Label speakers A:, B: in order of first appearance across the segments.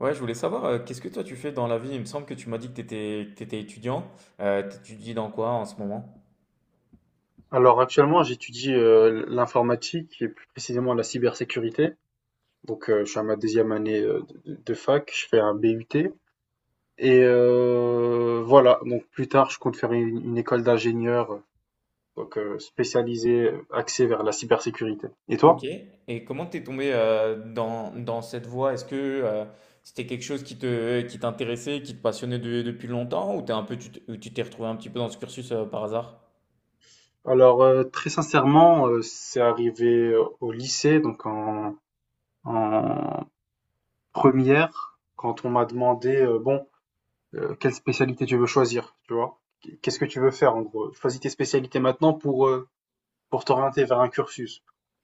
A: Ouais, je voulais savoir, qu'est-ce que toi tu fais dans la vie? Il me semble que tu m'as dit que tu étais, étudiant. T'étudies dans quoi en ce moment?
B: Alors actuellement, j'étudie l'informatique et plus précisément la cybersécurité. Donc je suis à ma deuxième année de fac, je fais un BUT. Et voilà, donc plus tard, je compte faire une école d'ingénieur donc spécialisée, axée vers la cybersécurité. Et
A: Ok.
B: toi?
A: Et comment t'es tombé dans cette voie? Est-ce que c'était quelque chose qui te, qui t'intéressait, qui te passionnait depuis longtemps, ou t'es un peu, ou tu t'es retrouvé un petit peu dans ce cursus par hasard?
B: Alors très sincèrement, c'est arrivé au lycée, donc en première, quand on m'a demandé, quelle spécialité tu veux choisir, tu vois. Qu'est-ce que tu veux faire en gros? Choisis tes spécialités maintenant pour t'orienter vers un cursus.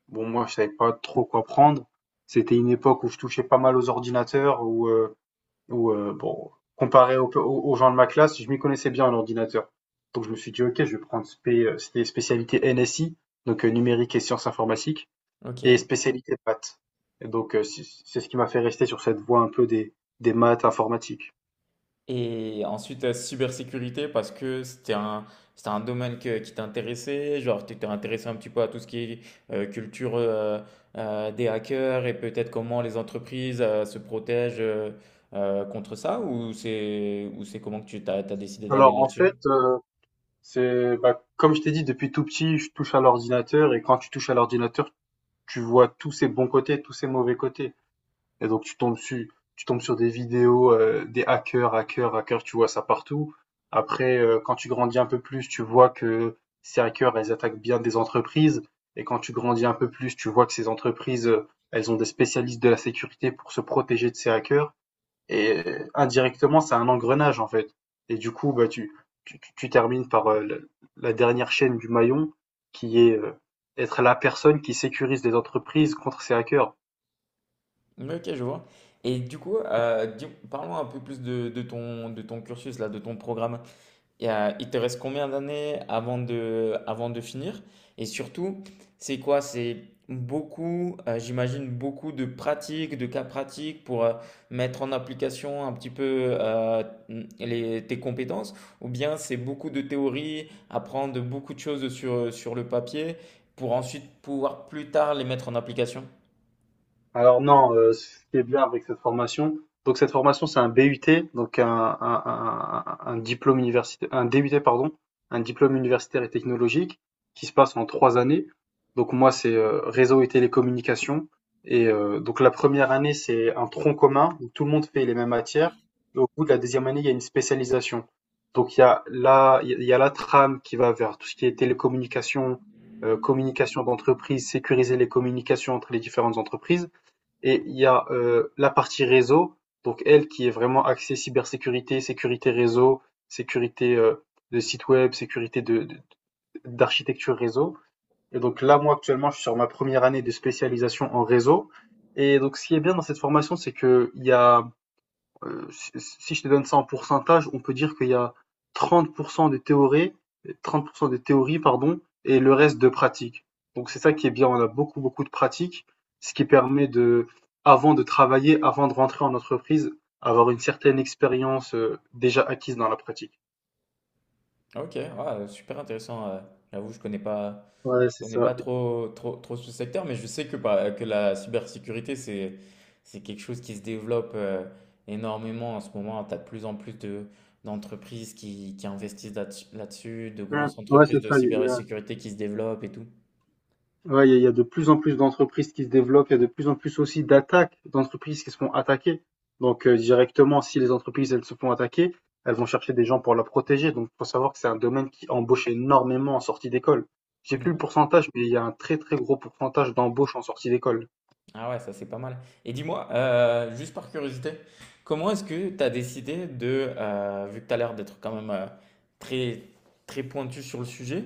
B: Bon, moi, je savais pas trop quoi prendre. C'était une époque où je touchais pas mal aux ordinateurs, où, où bon, comparé aux gens de ma classe, je m'y connaissais bien en ordinateur. Donc, je me suis dit, ok, je vais prendre c'était spécialité NSI, donc numérique et sciences informatiques, et
A: Ok.
B: spécialité maths. Et donc, c'est ce qui m'a fait rester sur cette voie un peu des maths informatiques.
A: Et ensuite, cybersécurité, parce que c'était un qui t'intéressait, genre tu étais intéressé un petit peu à tout ce qui est culture des hackers et peut-être comment les entreprises se protègent contre ça, ou c'est comment que t'as décidé d'aller
B: Alors, en
A: là-dessus?
B: fait, c'est bah, comme je t'ai dit, depuis tout petit, je touche à l'ordinateur et quand tu touches à l'ordinateur, tu vois tous ses bons côtés, tous ses mauvais côtés. Et donc tu tombes sur des vidéos, des hackers, tu vois ça partout. Après, quand tu grandis un peu plus, tu vois que ces hackers, elles attaquent bien des entreprises. Et quand tu grandis un peu plus, tu vois que ces entreprises, elles ont des spécialistes de la sécurité pour se protéger de ces hackers. Et indirectement, c'est un engrenage en fait. Et du coup, bah, tu termines par la dernière chaîne du maillon qui est être la personne qui sécurise les entreprises contre ces hackers.
A: Ok, je vois. Et du coup, parlons un peu plus de ton cursus, là, de ton programme. Et, il te reste combien d'années avant de finir? Et surtout, c'est quoi? C'est beaucoup, j'imagine, beaucoup de pratiques, de cas pratiques pour mettre en application un petit peu les, tes compétences, ou bien c'est beaucoup de théorie, apprendre beaucoup de choses sur, sur le papier pour ensuite pouvoir plus tard les mettre en application?
B: Alors non, ce qui est bien avec cette formation, donc cette formation, c'est un BUT, donc un diplôme universitaire, un DUT pardon, un diplôme universitaire et technologique qui se passe en 3 années. Donc moi, c'est, réseau et télécommunications et donc la première année, c'est un tronc commun où tout le monde fait les mêmes matières et au bout de la deuxième année, il y a une spécialisation. Donc il y a la trame qui va vers tout ce qui est télécommunications, communication d'entreprise, sécuriser les communications entre les différentes entreprises et il y a la partie réseau, donc elle qui est vraiment axée cybersécurité, sécurité réseau, sécurité de site web, sécurité d'architecture réseau. Et donc là, moi actuellement, je suis sur ma première année de spécialisation en réseau. Et donc ce qui est bien dans cette formation, c'est que il y a si je te donne ça en pourcentage, on peut dire qu'il y a 30% de théorie, 30% de théorie, pardon, et le reste de pratique. Donc c'est ça qui est bien, on a beaucoup, beaucoup de pratique, ce qui permet de, avant de travailler, avant de rentrer en entreprise, avoir une certaine expérience déjà acquise dans la pratique.
A: Ok, ouais, super intéressant. J'avoue,
B: Ouais,
A: je
B: c'est
A: connais
B: ça.
A: pas trop, trop, trop ce secteur, mais je sais que, bah, que la cybersécurité, c'est quelque chose qui se développe énormément en ce moment. Tu as de plus en plus de, d'entreprises qui investissent là là-dessus, de grosses
B: Ouais, c'est
A: entreprises de
B: ça.
A: cybersécurité qui se développent et tout.
B: Ouais, il y a de plus en plus d'entreprises qui se développent, il y a de plus en plus aussi d'attaques d'entreprises qui se font attaquer. Donc directement, si les entreprises elles se font attaquer, elles vont chercher des gens pour la protéger. Donc faut savoir que c'est un domaine qui embauche énormément en sortie d'école. J'ai plus le pourcentage, mais il y a un très très gros pourcentage d'embauche en sortie d'école.
A: Ah ouais, ça c'est pas mal. Et dis-moi, juste par curiosité, comment est-ce que tu as décidé de, vu que tu as l'air d'être quand même très, très pointu sur le sujet,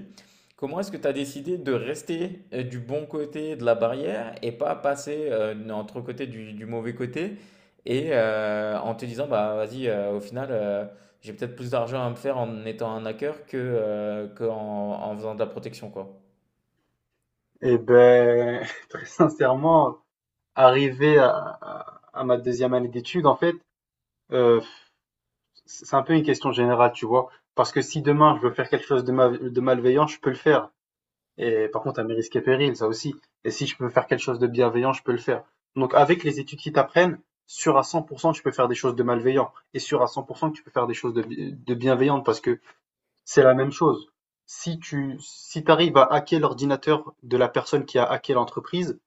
A: comment est-ce que tu as décidé de rester du bon côté de la barrière et pas passer entre côté du mauvais côté et en te disant, bah vas-y, au final, j'ai peut-être plus d'argent à me faire en étant un hacker que, qu'en en faisant de la protection, quoi.
B: Et ben très sincèrement, arrivé à ma deuxième année d'études, en fait, euh, c'est un peu une question générale, tu vois. Parce que si demain je veux faire quelque chose de, de malveillant, je peux le faire. Et par contre, à mes risques et périls, ça aussi. Et si je peux faire quelque chose de bienveillant, je peux le faire. Donc, avec les études qui t'apprennent, sûr à 100% que tu peux faire des choses de malveillant. Et sûr à 100% que tu peux faire des choses de bienveillantes parce que c'est la même chose. Si t'arrives à hacker l'ordinateur de la personne qui a hacké l'entreprise,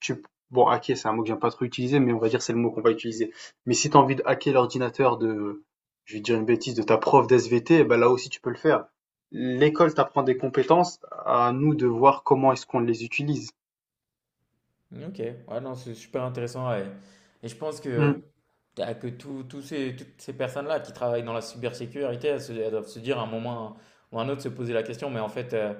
B: tu bon, hacker, c'est un mot que j'aime pas trop utiliser, mais on va dire c'est le mot qu'on va utiliser. Mais si tu as envie de hacker l'ordinateur de, je vais dire une bêtise, de ta prof d'SVT, eh ben là aussi tu peux le faire. L'école t'apprend des compétences, à nous de voir comment est-ce qu'on les utilise.
A: Ok, ouais, non, c'est super intéressant. Ouais. Et je pense que,
B: Mm.
A: que tous ces, toutes ces personnes-là qui travaillent dans la cybersécurité, elles, elles doivent se dire à un moment ou à un autre se poser la question, mais en fait,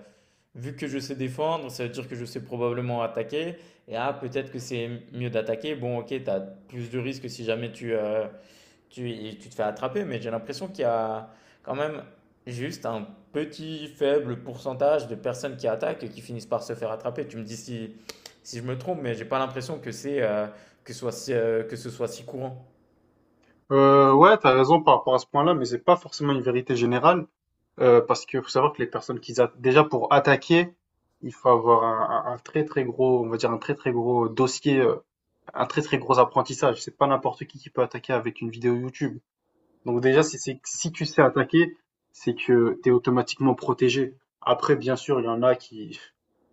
A: vu que je sais défendre, ça veut dire que je sais probablement attaquer. Et ah, peut-être que c'est mieux d'attaquer. Bon, ok, tu as plus de risques si jamais tu, tu, tu te fais attraper, mais j'ai l'impression qu'il y a quand même juste un petit faible pourcentage de personnes qui attaquent et qui finissent par se faire attraper. Tu me dis si, si je me trompe, mais j'ai pas l'impression que c'est que ce soit si, que ce soit si courant.
B: Ouais, t'as raison par rapport à ce point-là, mais c'est pas forcément une vérité générale. Parce que faut savoir que les personnes qu'ils attaquent, déjà pour attaquer, il faut avoir un très très gros, on va dire un très très gros dossier, un très très gros apprentissage. C'est pas n'importe qui peut attaquer avec une vidéo YouTube. Donc déjà, si tu sais attaquer, c'est que tu es automatiquement protégé. Après, bien sûr, il y en a qui,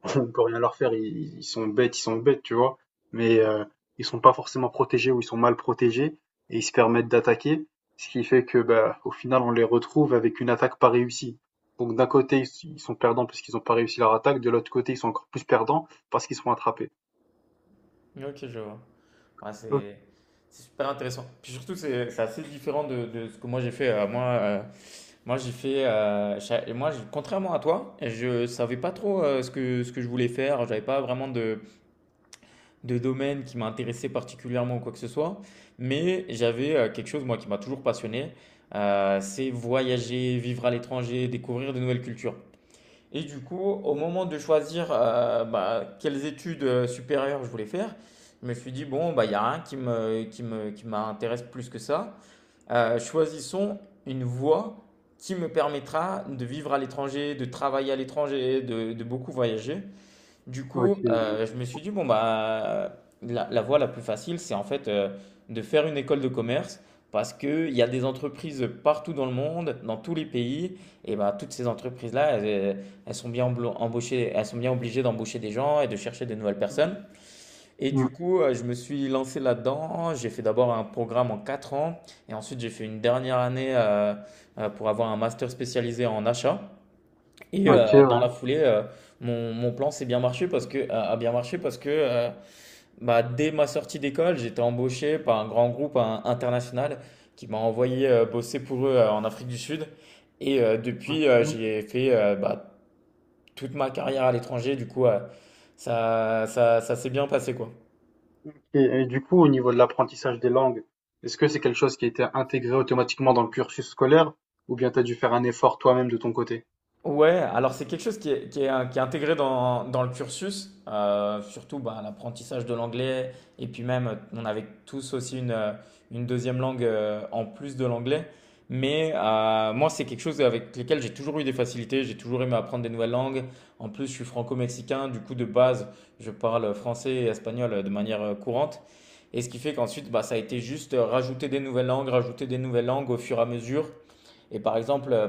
B: on peut rien leur faire, ils sont bêtes, tu vois. Mais ils sont pas forcément protégés ou ils sont mal protégés et ils se permettent d'attaquer, ce qui fait que, bah, au final, on les retrouve avec une attaque pas réussie. Donc d'un côté, ils sont perdants parce qu'ils n'ont pas réussi leur attaque, de l'autre côté, ils sont encore plus perdants parce qu'ils sont attrapés.
A: Ok, je vois. Ouais,
B: Ok,
A: c'est super intéressant. Puis surtout, c'est assez différent de ce que moi j'ai fait. Moi, moi j'ai fait. Et moi, contrairement à toi, je savais pas trop ce que je voulais faire. J'avais pas vraiment de domaine qui m'intéressait particulièrement ou quoi que ce soit, mais j'avais quelque chose, moi, qui m'a toujours passionné, c'est voyager, vivre à l'étranger, découvrir de nouvelles cultures. Et du coup, au moment de choisir bah, quelles études supérieures je voulais faire, je me suis dit, bon, bah, il y a rien qui me, qui me, qui m'intéresse plus que ça. Choisissons une voie qui me permettra de vivre à l'étranger, de travailler à l'étranger, de beaucoup voyager. Du coup,
B: ok.
A: je me suis dit, bon, bah, la voie la plus facile, c'est en fait de faire une école de commerce parce qu'il y a des entreprises partout dans le monde, dans tous les pays, et bah, toutes ces entreprises-là, elles, elles sont bien embauchées, elles sont bien obligées d'embaucher des gens et de chercher de nouvelles
B: Mm,
A: personnes. Et du
B: mm,
A: coup, je me suis lancé là-dedans. J'ai fait d'abord un programme en 4 ans, et ensuite j'ai fait une dernière année pour avoir un master spécialisé en achat. Et
B: ok,
A: dans
B: ouais.
A: la foulée, mon, mon plan s'est bien marché parce que, a a bien marché parce que bah, dès ma sortie d'école, j'étais embauché par un grand groupe hein, international qui m'a envoyé bosser pour eux en Afrique du Sud. Et depuis,
B: Ok.
A: j'ai fait bah, toute ma carrière à l'étranger. Du coup, ça, ça, ça s'est bien passé, quoi.
B: Et du coup, au niveau de l'apprentissage des langues, est-ce que c'est quelque chose qui a été intégré automatiquement dans le cursus scolaire ou bien tu as dû faire un effort toi-même de ton côté?
A: Ouais, alors c'est quelque chose qui est, qui est intégré dans, dans le cursus, surtout bah, l'apprentissage de l'anglais, et puis même on avait tous aussi une deuxième langue en plus de l'anglais, mais moi c'est quelque chose avec lequel j'ai toujours eu des facilités, j'ai toujours aimé apprendre des nouvelles langues, en plus je suis franco-mexicain, du coup de base je parle français et espagnol de manière courante, et ce qui fait qu'ensuite bah, ça a été juste rajouter des nouvelles langues, rajouter des nouvelles langues au fur et à mesure, et par exemple...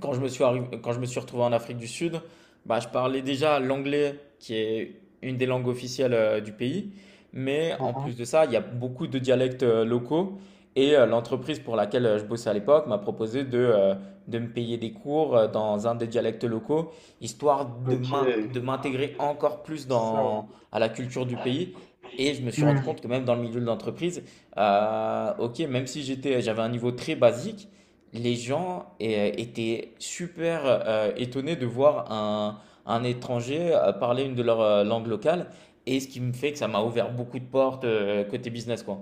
A: quand je me suis quand je me suis retrouvé en Afrique du Sud, bah, je parlais déjà l'anglais qui est une des langues officielles du pays, mais en
B: Mhm.
A: plus de ça, il y a beaucoup de dialectes locaux et l'entreprise pour laquelle je bossais à l'époque m'a proposé de me payer des cours dans un des dialectes locaux, histoire de
B: Ok,
A: de m'intégrer encore plus
B: c'est ça,
A: dans
B: ouais.
A: à la culture du pays. Et je me suis rendu
B: Hmm.
A: compte que même dans le milieu de l'entreprise, ok, même si j'étais, j'avais un niveau très basique, les gens étaient super étonnés de voir un étranger parler une de leurs langues locales. Et ce qui me fait que ça m'a ouvert beaucoup de portes côté business, quoi.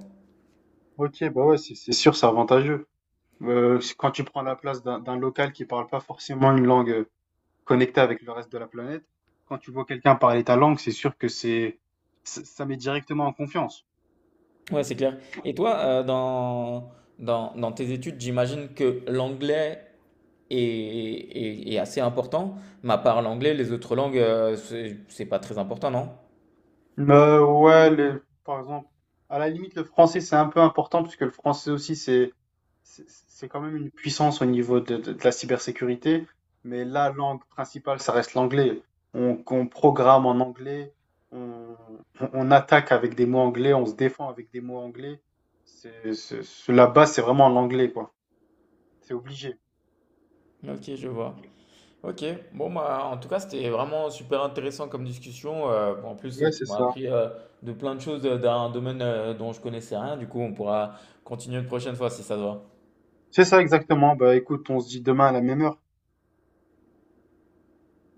B: Ok, bah ouais, c'est sûr, c'est avantageux. Quand tu prends la place d'un local qui parle pas forcément une langue connectée avec le reste de la planète, quand tu vois quelqu'un parler ta langue, c'est sûr que c'est ça ça met directement en confiance.
A: Ouais, c'est clair. Et toi, dans, dans, dans tes études, j'imagine que l'anglais est, est assez important, mais à part l'anglais, les autres langues, c'est pas très important, non?
B: Ouais, par exemple, à la limite, le français, c'est un peu important puisque le français aussi, c'est c'est quand même une puissance au niveau de la cybersécurité, mais la langue principale, ça reste l'anglais. On programme en anglais, on, on attaque avec des mots anglais, on se défend avec des mots anglais. La base, c'est vraiment l'anglais, quoi. C'est obligé.
A: Ok, je vois. Ok, bon bah en tout cas c'était vraiment super intéressant comme discussion. En plus
B: Ouais,
A: tu
B: c'est
A: m'as
B: ça.
A: appris de plein de choses d'un domaine dont je connaissais rien. Du coup on pourra continuer une prochaine fois si ça te va.
B: C'est ça exactement. Bah écoute, on se dit demain à la même heure.